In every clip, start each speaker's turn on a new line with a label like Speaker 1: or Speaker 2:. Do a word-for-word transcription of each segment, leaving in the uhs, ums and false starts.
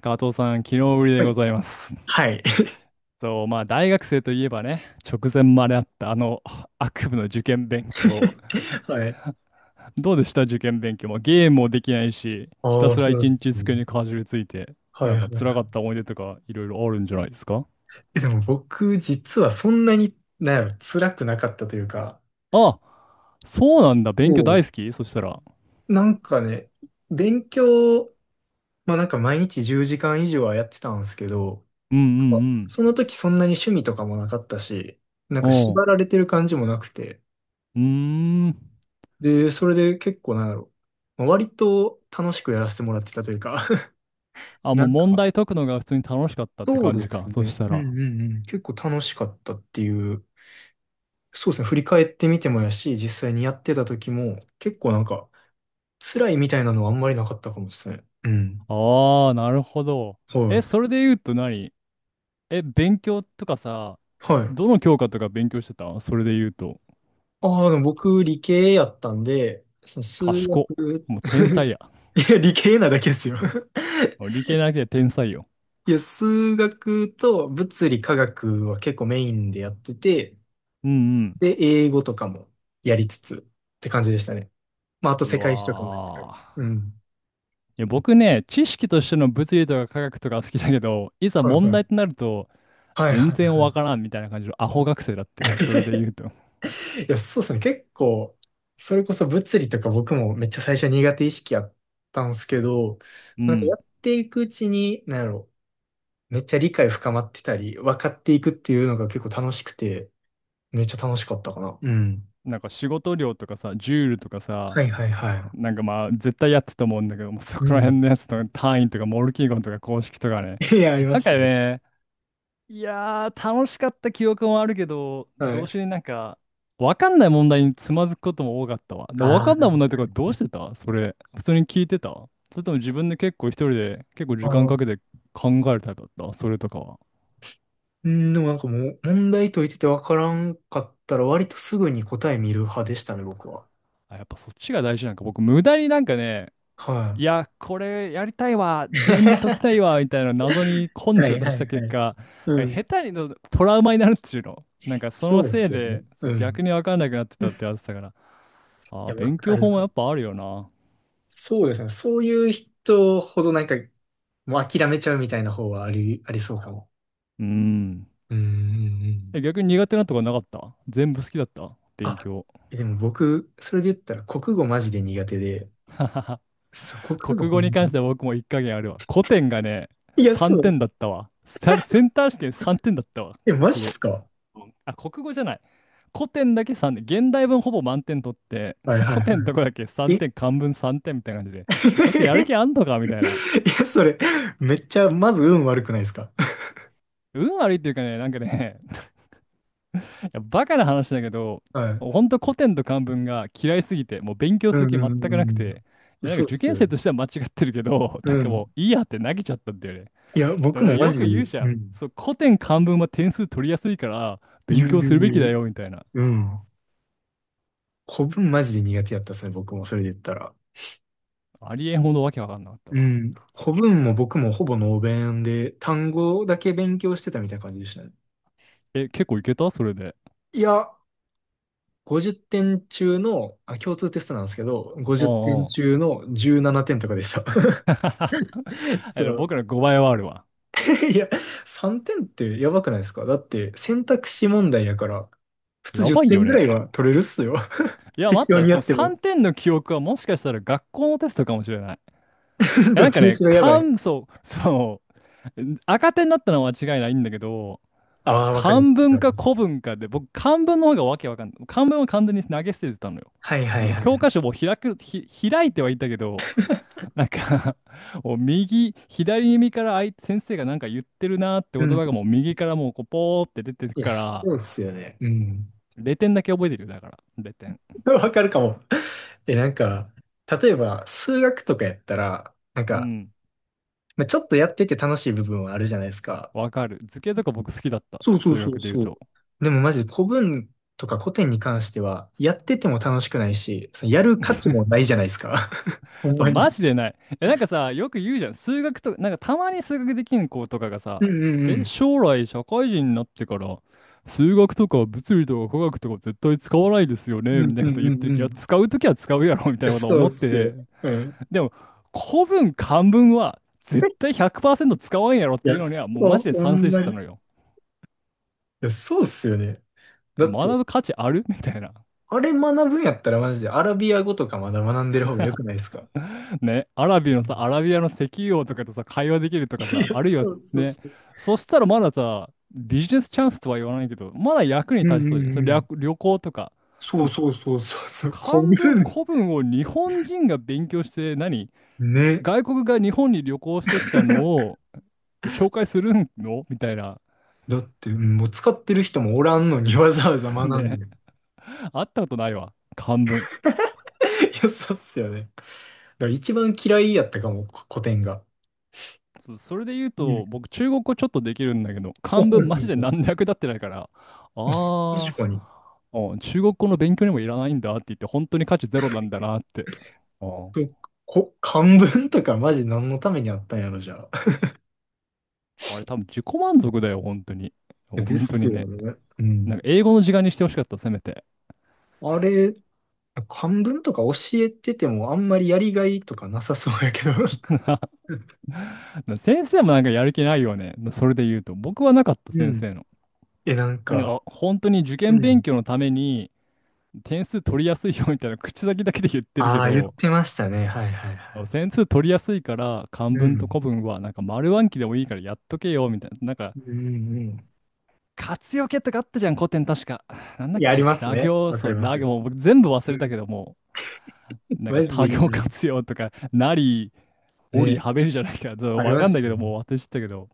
Speaker 1: 加藤さん、昨日ぶりで
Speaker 2: は
Speaker 1: ご
Speaker 2: い。
Speaker 1: ざいます。
Speaker 2: はい。
Speaker 1: そう、まあ、大学生といえばね、直前まであったあの悪夢の受験勉強。
Speaker 2: はい。
Speaker 1: どうでした、受験勉強も？ゲームもできないし、ひた
Speaker 2: ああ、
Speaker 1: すら
Speaker 2: そうなん
Speaker 1: 一
Speaker 2: です
Speaker 1: 日
Speaker 2: ね。
Speaker 1: 机にかじりついて、
Speaker 2: はい
Speaker 1: なん
Speaker 2: は
Speaker 1: か
Speaker 2: いは
Speaker 1: 辛かっ
Speaker 2: い。
Speaker 1: た思い出とかいろいろあるんじゃないですか？
Speaker 2: えでも僕、実はそんなに、なんやろ、辛くなかったというか、
Speaker 1: あ、そうなんだ。勉強
Speaker 2: こ
Speaker 1: 大好き、そしたら？
Speaker 2: う、なんかね、勉強、まあなんか毎日じゅうじかん以上はやってたんですけど、
Speaker 1: うんうん
Speaker 2: その時そんなに趣味とかもなかったし、なん
Speaker 1: うん。
Speaker 2: か
Speaker 1: お
Speaker 2: 縛ら
Speaker 1: う。
Speaker 2: れてる感じもなくて、
Speaker 1: うーん。
Speaker 2: で、それで結構なんやろ、まあ割と楽しくやらせてもらってたというか、
Speaker 1: あ、
Speaker 2: な
Speaker 1: もう
Speaker 2: ん
Speaker 1: 問
Speaker 2: か、
Speaker 1: 題解くのが普通に楽しかったって
Speaker 2: そう
Speaker 1: 感
Speaker 2: で
Speaker 1: じ
Speaker 2: す
Speaker 1: か、そ
Speaker 2: ね。
Speaker 1: した
Speaker 2: うん
Speaker 1: ら。
Speaker 2: うんうん。結構楽しかったっていう。そうですね。振り返ってみてもやし、実際にやってた時も、結構なんか、辛いみたいなのはあんまりなかったかもですね。うん。
Speaker 1: ああ、なるほど。
Speaker 2: は
Speaker 1: え、
Speaker 2: い。
Speaker 1: それで言うと何？え、勉強とかさ、
Speaker 2: はい。
Speaker 1: どの教科とか勉強してた、それで言うと？
Speaker 2: ああ、でも僕、理系やったんで、その数
Speaker 1: 賢っ。
Speaker 2: 学、
Speaker 1: もう天才や。
Speaker 2: いや、理系なだけですよ。
Speaker 1: もう理 系なくて天才よ。
Speaker 2: いや、数学と物理科学は結構メインでやってて、
Speaker 1: うん
Speaker 2: で、英語とかもやりつつって感じでしたね。まあ、あと
Speaker 1: うん。う
Speaker 2: 世界史とかもやってた。
Speaker 1: わ
Speaker 2: う
Speaker 1: ー。
Speaker 2: ん。
Speaker 1: いや、僕ね、知識としての物理とか科学とか好きだけど、いざ
Speaker 2: はい
Speaker 1: 問
Speaker 2: はい。
Speaker 1: 題となると、
Speaker 2: はいは
Speaker 1: 全
Speaker 2: い
Speaker 1: 然
Speaker 2: は
Speaker 1: わからんみたいな感じのアホ学生だっ
Speaker 2: い。
Speaker 1: たよ、それで 言うと。
Speaker 2: いや、そうですね。結構、それこそ物理とか僕もめっちゃ最初苦手意識あったんですけど、
Speaker 1: う
Speaker 2: なんかや
Speaker 1: ん。
Speaker 2: っていくうちに、なんやろ、めっちゃ理解深まってたり、分かっていくっていうのが結構楽しくて、めっちゃ楽しかったかな。うん。
Speaker 1: なんか仕事量とかさ、ジュールとか
Speaker 2: は
Speaker 1: さ、
Speaker 2: いはいは
Speaker 1: なんかまあ絶対やってたと思うんだけど、もうそ
Speaker 2: い。う
Speaker 1: こら
Speaker 2: ん。
Speaker 1: 辺のやつとか単位とかモルキーゴンとか公式とかね。
Speaker 2: いや、ありま
Speaker 1: なん
Speaker 2: し
Speaker 1: か
Speaker 2: たね。
Speaker 1: ね、いやー、楽しかった記憶もあるけど、
Speaker 2: は
Speaker 1: どう
Speaker 2: い。
Speaker 1: してなんか、わかんない問題につまずくことも多かったわ。で、
Speaker 2: あ
Speaker 1: わ
Speaker 2: ー
Speaker 1: かんない問題とかどうしてた、それ？普通に聞いてた？それとも自分で結構一人で結構
Speaker 2: あ
Speaker 1: 時間
Speaker 2: ー。
Speaker 1: かけて考えるタイプだった、それとかは？
Speaker 2: うん、でもなんかもう、問題解いてて分からんかったら、割とすぐに答え見る派でしたね、僕は。
Speaker 1: あ、やっぱそっちが大事なんか。僕、無駄になんかね、
Speaker 2: は
Speaker 1: いや、これやりたいわ、
Speaker 2: い。
Speaker 1: 自分で解きたい わ、みたいな謎に根
Speaker 2: は
Speaker 1: 性を
Speaker 2: い
Speaker 1: 出
Speaker 2: は
Speaker 1: し
Speaker 2: い
Speaker 1: た
Speaker 2: は
Speaker 1: 結
Speaker 2: い。
Speaker 1: 果、な
Speaker 2: う
Speaker 1: んか
Speaker 2: ん。
Speaker 1: 下手にのトラウマになるっていうの。なんかそ
Speaker 2: そ
Speaker 1: の
Speaker 2: うっ
Speaker 1: せい
Speaker 2: すよね。
Speaker 1: で、そ
Speaker 2: う
Speaker 1: う逆
Speaker 2: ん。
Speaker 1: にわかんなくなって た
Speaker 2: い
Speaker 1: ってやつだから。ああ、
Speaker 2: や、わ
Speaker 1: 勉
Speaker 2: か
Speaker 1: 強法
Speaker 2: る。
Speaker 1: もやっぱあるよな。
Speaker 2: そうですね。そういう人ほどなんか、もう諦めちゃうみたいな方はあり、ありそうかも。
Speaker 1: うん。
Speaker 2: うんうんうん。
Speaker 1: え、逆に苦手なとこなかった？全部好きだった、勉
Speaker 2: あ、
Speaker 1: 強？
Speaker 2: えでも僕、それで言ったら国語マジで苦手で、そう、国語
Speaker 1: 国
Speaker 2: ほん
Speaker 1: 語に
Speaker 2: ま
Speaker 1: 関し
Speaker 2: に。
Speaker 1: ては僕も一加減あるわ。古典がね、
Speaker 2: いや、
Speaker 1: 3
Speaker 2: そう。
Speaker 1: 点だったわ。さセンター試験さんてんだったわ、
Speaker 2: え、マジっ
Speaker 1: 国語。
Speaker 2: すか？
Speaker 1: うん、あ、国語じゃない。古典だけさんてん。現代文ほぼ満点取って、
Speaker 2: はい はい
Speaker 1: 古
Speaker 2: は
Speaker 1: 典のとこだけ
Speaker 2: い。
Speaker 1: 3
Speaker 2: え
Speaker 1: 点、漢文さんてんみたいな感じで。こいつやる 気
Speaker 2: い
Speaker 1: あんのかみたいな。
Speaker 2: や、それ、めっちゃ、まず運悪くないですか？
Speaker 1: 運悪いっていうかね、なんかね、やバカな話だけど、
Speaker 2: はい。
Speaker 1: ほんと古典と漢文が嫌いすぎて、もう勉強
Speaker 2: う
Speaker 1: する
Speaker 2: ん
Speaker 1: 気
Speaker 2: う
Speaker 1: 全
Speaker 2: んう
Speaker 1: くなく
Speaker 2: ん
Speaker 1: て、
Speaker 2: う
Speaker 1: い
Speaker 2: ん。
Speaker 1: や、なんか
Speaker 2: そうっ
Speaker 1: 受
Speaker 2: す
Speaker 1: 験
Speaker 2: よ。
Speaker 1: 生としては間違ってるけど、
Speaker 2: う
Speaker 1: なんかも
Speaker 2: ん。
Speaker 1: ういいやって投げちゃったんだよね。
Speaker 2: いや、
Speaker 1: で
Speaker 2: 僕
Speaker 1: もなんか
Speaker 2: もマ
Speaker 1: よ
Speaker 2: ジ
Speaker 1: く
Speaker 2: で、
Speaker 1: 言うじゃ
Speaker 2: う
Speaker 1: ん。
Speaker 2: ん。
Speaker 1: そう、古典漢文は点数取りやすいから、
Speaker 2: 言
Speaker 1: 勉
Speaker 2: う
Speaker 1: 強
Speaker 2: 言
Speaker 1: す
Speaker 2: う
Speaker 1: るべき
Speaker 2: 言
Speaker 1: だ
Speaker 2: う。
Speaker 1: よ、みたいな。
Speaker 2: うん。古文マジで苦手やったですね、僕もそれで言ったら。
Speaker 1: ありえんほどわけわかんなかった
Speaker 2: う
Speaker 1: わ。
Speaker 2: ん。古文も僕もほぼノー弁で、単語だけ勉強してたみたいな感じでしたね。
Speaker 1: え、結構いけた、それで？
Speaker 2: いや、ごじゅってん中の、あ、共通テストなんですけど、
Speaker 1: う
Speaker 2: ごじゅってん
Speaker 1: んうん。
Speaker 2: 中のじゅうななてんとかでした。
Speaker 1: あ
Speaker 2: そ
Speaker 1: の
Speaker 2: う。
Speaker 1: 僕のごばいはあるわ。
Speaker 2: いや、さんてんってやばくないですか？だって選択肢問題やから、普通
Speaker 1: や
Speaker 2: 10
Speaker 1: ばい
Speaker 2: 点
Speaker 1: よ
Speaker 2: ぐら
Speaker 1: ね。
Speaker 2: いは取れるっすよ。
Speaker 1: い や、
Speaker 2: 適
Speaker 1: 待
Speaker 2: 当
Speaker 1: った。
Speaker 2: に
Speaker 1: こ
Speaker 2: や
Speaker 1: の
Speaker 2: っても。
Speaker 1: さんてんの記憶はもしかしたら学校のテストかもしれない。え、
Speaker 2: どっ
Speaker 1: なん
Speaker 2: ち
Speaker 1: か
Speaker 2: にし
Speaker 1: ね、
Speaker 2: ろやばい。
Speaker 1: 感想、そう、赤点になったのは間違いないんだけど、
Speaker 2: ああ、わか
Speaker 1: 漢
Speaker 2: り
Speaker 1: 文
Speaker 2: ま
Speaker 1: か
Speaker 2: す。
Speaker 1: 古文かで、僕、漢文の方がわけわかんない。漢文は完全に投げ捨ててたのよ。
Speaker 2: はいはい
Speaker 1: もう
Speaker 2: は
Speaker 1: 教
Speaker 2: い。
Speaker 1: 科書も開く、ひ、開いてはいたけど、なんか もう右、左耳からあい先生がなんか言ってるなーって、
Speaker 2: う
Speaker 1: 言
Speaker 2: ん。
Speaker 1: 葉がもう右からもうこうポーって出てる
Speaker 2: いや、
Speaker 1: か
Speaker 2: そ
Speaker 1: ら、
Speaker 2: うっすよね。うん。
Speaker 1: れいてんだけ覚えてるよ、だから。れいてん。
Speaker 2: わかるかも。え、なんか、例えば、数学とかやったら、なん
Speaker 1: う
Speaker 2: か、
Speaker 1: ん。
Speaker 2: まあ、ちょっとやってて楽しい部分はあるじゃないですか。
Speaker 1: わかる。図形とか僕好きだった、
Speaker 2: そうそう
Speaker 1: 数
Speaker 2: そう
Speaker 1: 学で言う
Speaker 2: そう。
Speaker 1: と。
Speaker 2: でもマジで古文とか古典に関しては、やってても楽しくないし、そのやる価値もないじゃないですか。ほん
Speaker 1: そう、
Speaker 2: ま
Speaker 1: マ
Speaker 2: に。
Speaker 1: ジでない。え、なんかさ、よく言うじゃん。数学となんかたまに数学できん子とかがさ、え、将来社会人になってから、数学とか物理とか科学とか絶対使わないですよね、
Speaker 2: う
Speaker 1: み
Speaker 2: ん
Speaker 1: たい
Speaker 2: う
Speaker 1: な
Speaker 2: ん
Speaker 1: こ
Speaker 2: う
Speaker 1: と
Speaker 2: んう
Speaker 1: 言
Speaker 2: ん
Speaker 1: っ
Speaker 2: う
Speaker 1: て
Speaker 2: んう
Speaker 1: る。
Speaker 2: ん
Speaker 1: い
Speaker 2: うん。
Speaker 1: や、
Speaker 2: い
Speaker 1: 使うときは使うやろ、みたい
Speaker 2: や、
Speaker 1: なこと
Speaker 2: そうっ
Speaker 1: 思って
Speaker 2: すよ。
Speaker 1: て。
Speaker 2: うん。
Speaker 1: でも、古文、漢文は絶対ひゃくパーセント使わんやろっ
Speaker 2: い
Speaker 1: てい
Speaker 2: や、
Speaker 1: うのには、もうマジ
Speaker 2: そ
Speaker 1: で
Speaker 2: う、ほ
Speaker 1: 賛
Speaker 2: ん
Speaker 1: 成して
Speaker 2: ま
Speaker 1: た
Speaker 2: に。
Speaker 1: の
Speaker 2: い
Speaker 1: よ。
Speaker 2: や、そうっすよね。だっ
Speaker 1: 学
Speaker 2: て、
Speaker 1: ぶ価値あるみたいな。
Speaker 2: あれ学ぶんやったらマジでアラビア語とかまだ学んでる方が良くないですか？
Speaker 1: ね、アラビの
Speaker 2: う
Speaker 1: さ、ア
Speaker 2: ん。
Speaker 1: ラビアの石油王とかとさ、会話できるとか
Speaker 2: いや、
Speaker 1: さ、あるいは
Speaker 2: そうそう
Speaker 1: ね、
Speaker 2: そう。
Speaker 1: そしたらまださ、ビジネスチャンスとは言わないけど、まだ役に
Speaker 2: うんう
Speaker 1: 立ちそうじゃん。それ
Speaker 2: んうん。
Speaker 1: 略旅行とか。で
Speaker 2: そう
Speaker 1: も、
Speaker 2: そうそうそうそう。
Speaker 1: 漢
Speaker 2: 古
Speaker 1: 文、
Speaker 2: 文。
Speaker 1: 古文を日本人が勉強して、何？
Speaker 2: ね。
Speaker 1: 外国が日本に旅行してきたのを紹介するのみたいな。
Speaker 2: だって、うん。もう使ってる人もおらんのにわざわざ 学ん
Speaker 1: ね、
Speaker 2: で。い
Speaker 1: あったことないわ、漢文。
Speaker 2: や、そうっすよね。だから一番嫌いやったかも、こ古典が。
Speaker 1: そう、それで言う
Speaker 2: うん。
Speaker 1: と、僕、中国語ちょっとできるんだけど、
Speaker 2: お、
Speaker 1: 漢
Speaker 2: はいは
Speaker 1: 文マジ
Speaker 2: い
Speaker 1: で
Speaker 2: はい。
Speaker 1: 何の役立ってないから、
Speaker 2: お、確
Speaker 1: あ
Speaker 2: か
Speaker 1: ー、
Speaker 2: に。
Speaker 1: うん、中国語の勉強にもいらないんだって言って、本当に価値ゼロなんだなって。うん、
Speaker 2: そう。こ、漢文とかマジ何のためにあったんやろ、じゃあ。
Speaker 1: あれ多分自己満足だよ、本当に。
Speaker 2: いやで
Speaker 1: 本当
Speaker 2: す
Speaker 1: に
Speaker 2: よ
Speaker 1: ね。
Speaker 2: ね。う
Speaker 1: なん
Speaker 2: ん。
Speaker 1: か英語の時間にしてほしかった、せめて。
Speaker 2: あれ、漢文とか教えててもあんまりやりがいとかなさそうやけど。
Speaker 1: 先生もなんかやる気ないよね、それで言うと。僕はなかった、
Speaker 2: う
Speaker 1: 先
Speaker 2: ん。
Speaker 1: 生の。
Speaker 2: え、なん
Speaker 1: なん
Speaker 2: か、
Speaker 1: か本当に受
Speaker 2: う
Speaker 1: 験勉
Speaker 2: ん。
Speaker 1: 強のために点数取りやすいよみたいな口先だけで言ってるけ
Speaker 2: ああ、言っ
Speaker 1: ど、
Speaker 2: てましたね。はいはいは
Speaker 1: そう、
Speaker 2: い。
Speaker 1: 線数取りやすいから漢
Speaker 2: う
Speaker 1: 文と
Speaker 2: ん。
Speaker 1: 古文はなんか丸暗記でもいいからやっとけよみたいな。なんか
Speaker 2: うんうん。
Speaker 1: 活用形とかあったじゃん、古典、確か。なんだ
Speaker 2: い
Speaker 1: っ
Speaker 2: や、ありま
Speaker 1: け
Speaker 2: す
Speaker 1: 羅
Speaker 2: ね。
Speaker 1: 行、
Speaker 2: わか
Speaker 1: そ
Speaker 2: り
Speaker 1: う
Speaker 2: ます
Speaker 1: 羅
Speaker 2: よ。
Speaker 1: 行、もう僕全部忘
Speaker 2: う
Speaker 1: れた
Speaker 2: ん。
Speaker 1: けど、もうなん
Speaker 2: マ
Speaker 1: か
Speaker 2: ジで
Speaker 1: 多
Speaker 2: いい
Speaker 1: 行
Speaker 2: な。
Speaker 1: 活用とかなりおり
Speaker 2: ね。
Speaker 1: はべりじゃないか、ちょっと
Speaker 2: あり
Speaker 1: わ
Speaker 2: ま
Speaker 1: かんな
Speaker 2: し
Speaker 1: いけ
Speaker 2: た
Speaker 1: ど、も
Speaker 2: ね。
Speaker 1: う私ったけど、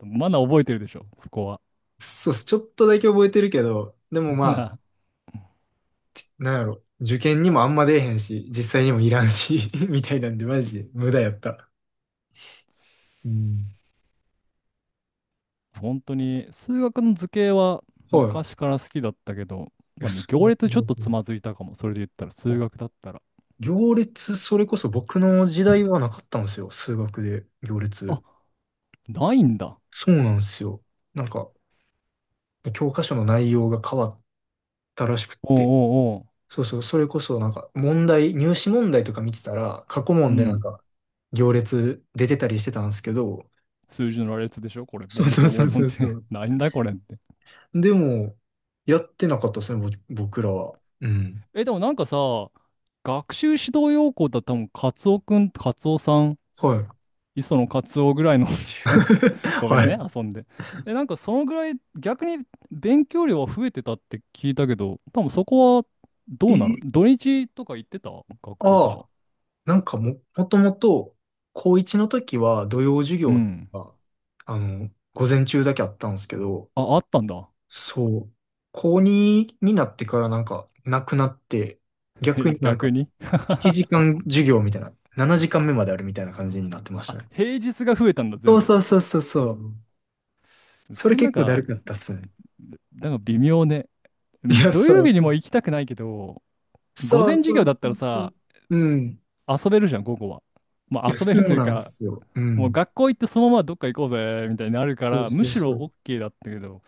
Speaker 1: まだ覚えてるでしょそこは。
Speaker 2: そうっす。ちょっとだけ覚えてるけど、でも ま
Speaker 1: な
Speaker 2: あ、なんやろ。受験にもあんま出えへんし、実際にもいらんし みたいなんで、マジで無駄やった。うん。
Speaker 1: あ、本当に数学の図形は
Speaker 2: は
Speaker 1: 昔から好きだったけど、
Speaker 2: い。いや、
Speaker 1: まあ、でも
Speaker 2: 数
Speaker 1: 行
Speaker 2: 学
Speaker 1: 列ちょっ
Speaker 2: の
Speaker 1: とつまずいたかも、それで言ったら、数
Speaker 2: あ
Speaker 1: 学だったら。
Speaker 2: 行列、それこそ僕の時代はなかったんですよ。数学で行
Speaker 1: あ、
Speaker 2: 列。
Speaker 1: ないんだ。
Speaker 2: そうなんですよ。なんか、教科書の内容が変わったらしくっ
Speaker 1: おう
Speaker 2: て。
Speaker 1: おうおう。
Speaker 2: そうそう、それこそなんか問題、入試問題とか見てたら、過去
Speaker 1: う
Speaker 2: 問でなん
Speaker 1: ん、
Speaker 2: か行列出てたりしてたんですけど、
Speaker 1: 数字の羅列でしょこれ、ボ
Speaker 2: そう
Speaker 1: ンボン
Speaker 2: そう
Speaker 1: ボンボ
Speaker 2: そう
Speaker 1: ンボ
Speaker 2: そ
Speaker 1: ンっ
Speaker 2: うそ
Speaker 1: て
Speaker 2: う。
Speaker 1: なんだこれって。
Speaker 2: でも、やってなかったですね、ぼ僕らは。うん。
Speaker 1: え、でもなんかさ、学習指導要項だったら多分、カツオくん、カツオさん、
Speaker 2: はい。
Speaker 1: 磯野カツオぐらいの ごめ
Speaker 2: は
Speaker 1: んね、
Speaker 2: い。
Speaker 1: 遊んで。え、なんかそのぐらい、逆に勉強量は増えてたって聞いたけど、多分そこはど
Speaker 2: え、
Speaker 1: うなの、土日とか行ってた、学校と
Speaker 2: あ
Speaker 1: か？
Speaker 2: あ、なんかも、もともと、高いちの時は土曜授
Speaker 1: う
Speaker 2: 業
Speaker 1: ん。
Speaker 2: が、あの、午前中だけあったんですけど、
Speaker 1: あ、あったんだ。
Speaker 2: そう。高にになってからなんかなくなって、
Speaker 1: え、
Speaker 2: 逆になんか
Speaker 1: 逆
Speaker 2: 7
Speaker 1: に
Speaker 2: 時間授業みたいな、ななじかんめまであるみたいな感じになってまし
Speaker 1: あ、
Speaker 2: たね。
Speaker 1: 平日が増えたんだ、
Speaker 2: そ
Speaker 1: 全
Speaker 2: う
Speaker 1: 部。
Speaker 2: そうそうそうそう。そ
Speaker 1: そ
Speaker 2: れ
Speaker 1: れなん
Speaker 2: 結構だる
Speaker 1: か、
Speaker 2: かったっすね。
Speaker 1: なんか微妙ね。う
Speaker 2: い
Speaker 1: ん、
Speaker 2: や、
Speaker 1: 土曜
Speaker 2: そう。
Speaker 1: 日にも行きたくないけど、午
Speaker 2: そう
Speaker 1: 前
Speaker 2: そ
Speaker 1: 授業
Speaker 2: う
Speaker 1: だっ
Speaker 2: そ
Speaker 1: たら
Speaker 2: うそう。
Speaker 1: さ、
Speaker 2: うん。
Speaker 1: 遊べるじゃん、午後は。ま
Speaker 2: い
Speaker 1: あ
Speaker 2: や、
Speaker 1: 遊
Speaker 2: そ
Speaker 1: べると
Speaker 2: う
Speaker 1: いう
Speaker 2: なんで
Speaker 1: か、
Speaker 2: すよ。う
Speaker 1: もう
Speaker 2: ん。
Speaker 1: 学校行ってそのままどっか行こうぜ、みたいになるか
Speaker 2: そう
Speaker 1: ら、む
Speaker 2: そう
Speaker 1: し
Speaker 2: そ
Speaker 1: ろ
Speaker 2: う。
Speaker 1: OK だったけど、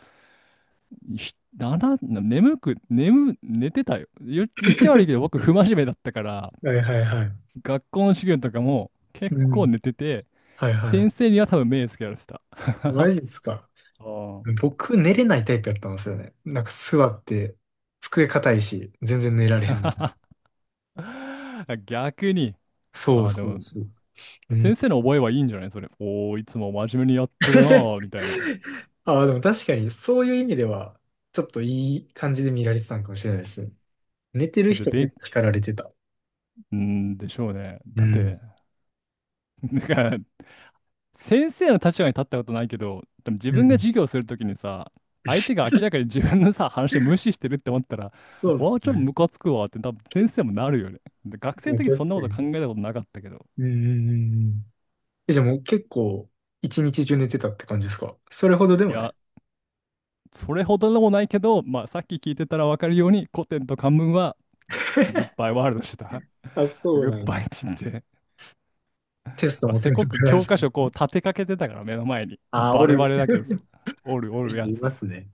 Speaker 1: ひだな、眠く、眠、寝てたよ。言、言っちゃ悪いけど、僕、不真面目だったから、
Speaker 2: はいはいはい。
Speaker 1: 学校の授業とかも結
Speaker 2: う
Speaker 1: 構
Speaker 2: ん。
Speaker 1: 寝てて、
Speaker 2: はいはい。
Speaker 1: 先生には多分目つけられてた。
Speaker 2: マ ジっすか。
Speaker 1: うん
Speaker 2: 僕、寝れないタイプやったんですよね。なんか座って、机硬いし、全然寝られへん。
Speaker 1: 逆に。
Speaker 2: そ
Speaker 1: あ
Speaker 2: う
Speaker 1: あ、で
Speaker 2: そう
Speaker 1: も、
Speaker 2: そう。う
Speaker 1: 先
Speaker 2: ん。
Speaker 1: 生の覚えはいいんじゃないそれ。おー、いつも真面目にやっとるなーみたいな。だ
Speaker 2: ああ、でも確かにそういう意味では、ちょっといい感じで見られてたのかもしれないです。寝てる
Speaker 1: って
Speaker 2: 人
Speaker 1: べ
Speaker 2: 結
Speaker 1: ん、
Speaker 2: 構叱られてた。
Speaker 1: うーん、でしょうね。
Speaker 2: う
Speaker 1: だっ
Speaker 2: ん。
Speaker 1: て、なんか、先生の立場に立ったことないけど、でも自
Speaker 2: う
Speaker 1: 分が
Speaker 2: ん。
Speaker 1: 授業するときにさ、相手が明らかに自分のさ、話無視してるって思ったら、
Speaker 2: そうで
Speaker 1: わ
Speaker 2: す
Speaker 1: あ、ちょっと
Speaker 2: ね。
Speaker 1: ムカつくわって多分先生もなるよね。で、学
Speaker 2: い
Speaker 1: 生の
Speaker 2: や、
Speaker 1: 時
Speaker 2: 確
Speaker 1: そんな
Speaker 2: か
Speaker 1: こと
Speaker 2: に。
Speaker 1: 考えたことなかったけど。
Speaker 2: うんうんうんうん。え、じゃあもう結構、一日中寝てたって感じですか？それほどで
Speaker 1: い
Speaker 2: もな
Speaker 1: や、
Speaker 2: い。
Speaker 1: それほどでもないけど、まあ、さっき聞いてたらわかるように、古典と漢文は、グッ バイワールドしてた。
Speaker 2: あ、そう
Speaker 1: グッ
Speaker 2: なん
Speaker 1: バイっ
Speaker 2: や。
Speaker 1: て言って。
Speaker 2: テスト
Speaker 1: まあ、
Speaker 2: も
Speaker 1: せ
Speaker 2: 点
Speaker 1: こ
Speaker 2: 数
Speaker 1: く
Speaker 2: 取らん
Speaker 1: 教
Speaker 2: し。
Speaker 1: 科書こう立てかけてたから目の前に。
Speaker 2: ああ、お
Speaker 1: バレバ
Speaker 2: る。
Speaker 1: レだけどさ。おる
Speaker 2: そう
Speaker 1: お
Speaker 2: いう
Speaker 1: る
Speaker 2: 人
Speaker 1: や
Speaker 2: いま
Speaker 1: つ。
Speaker 2: すね。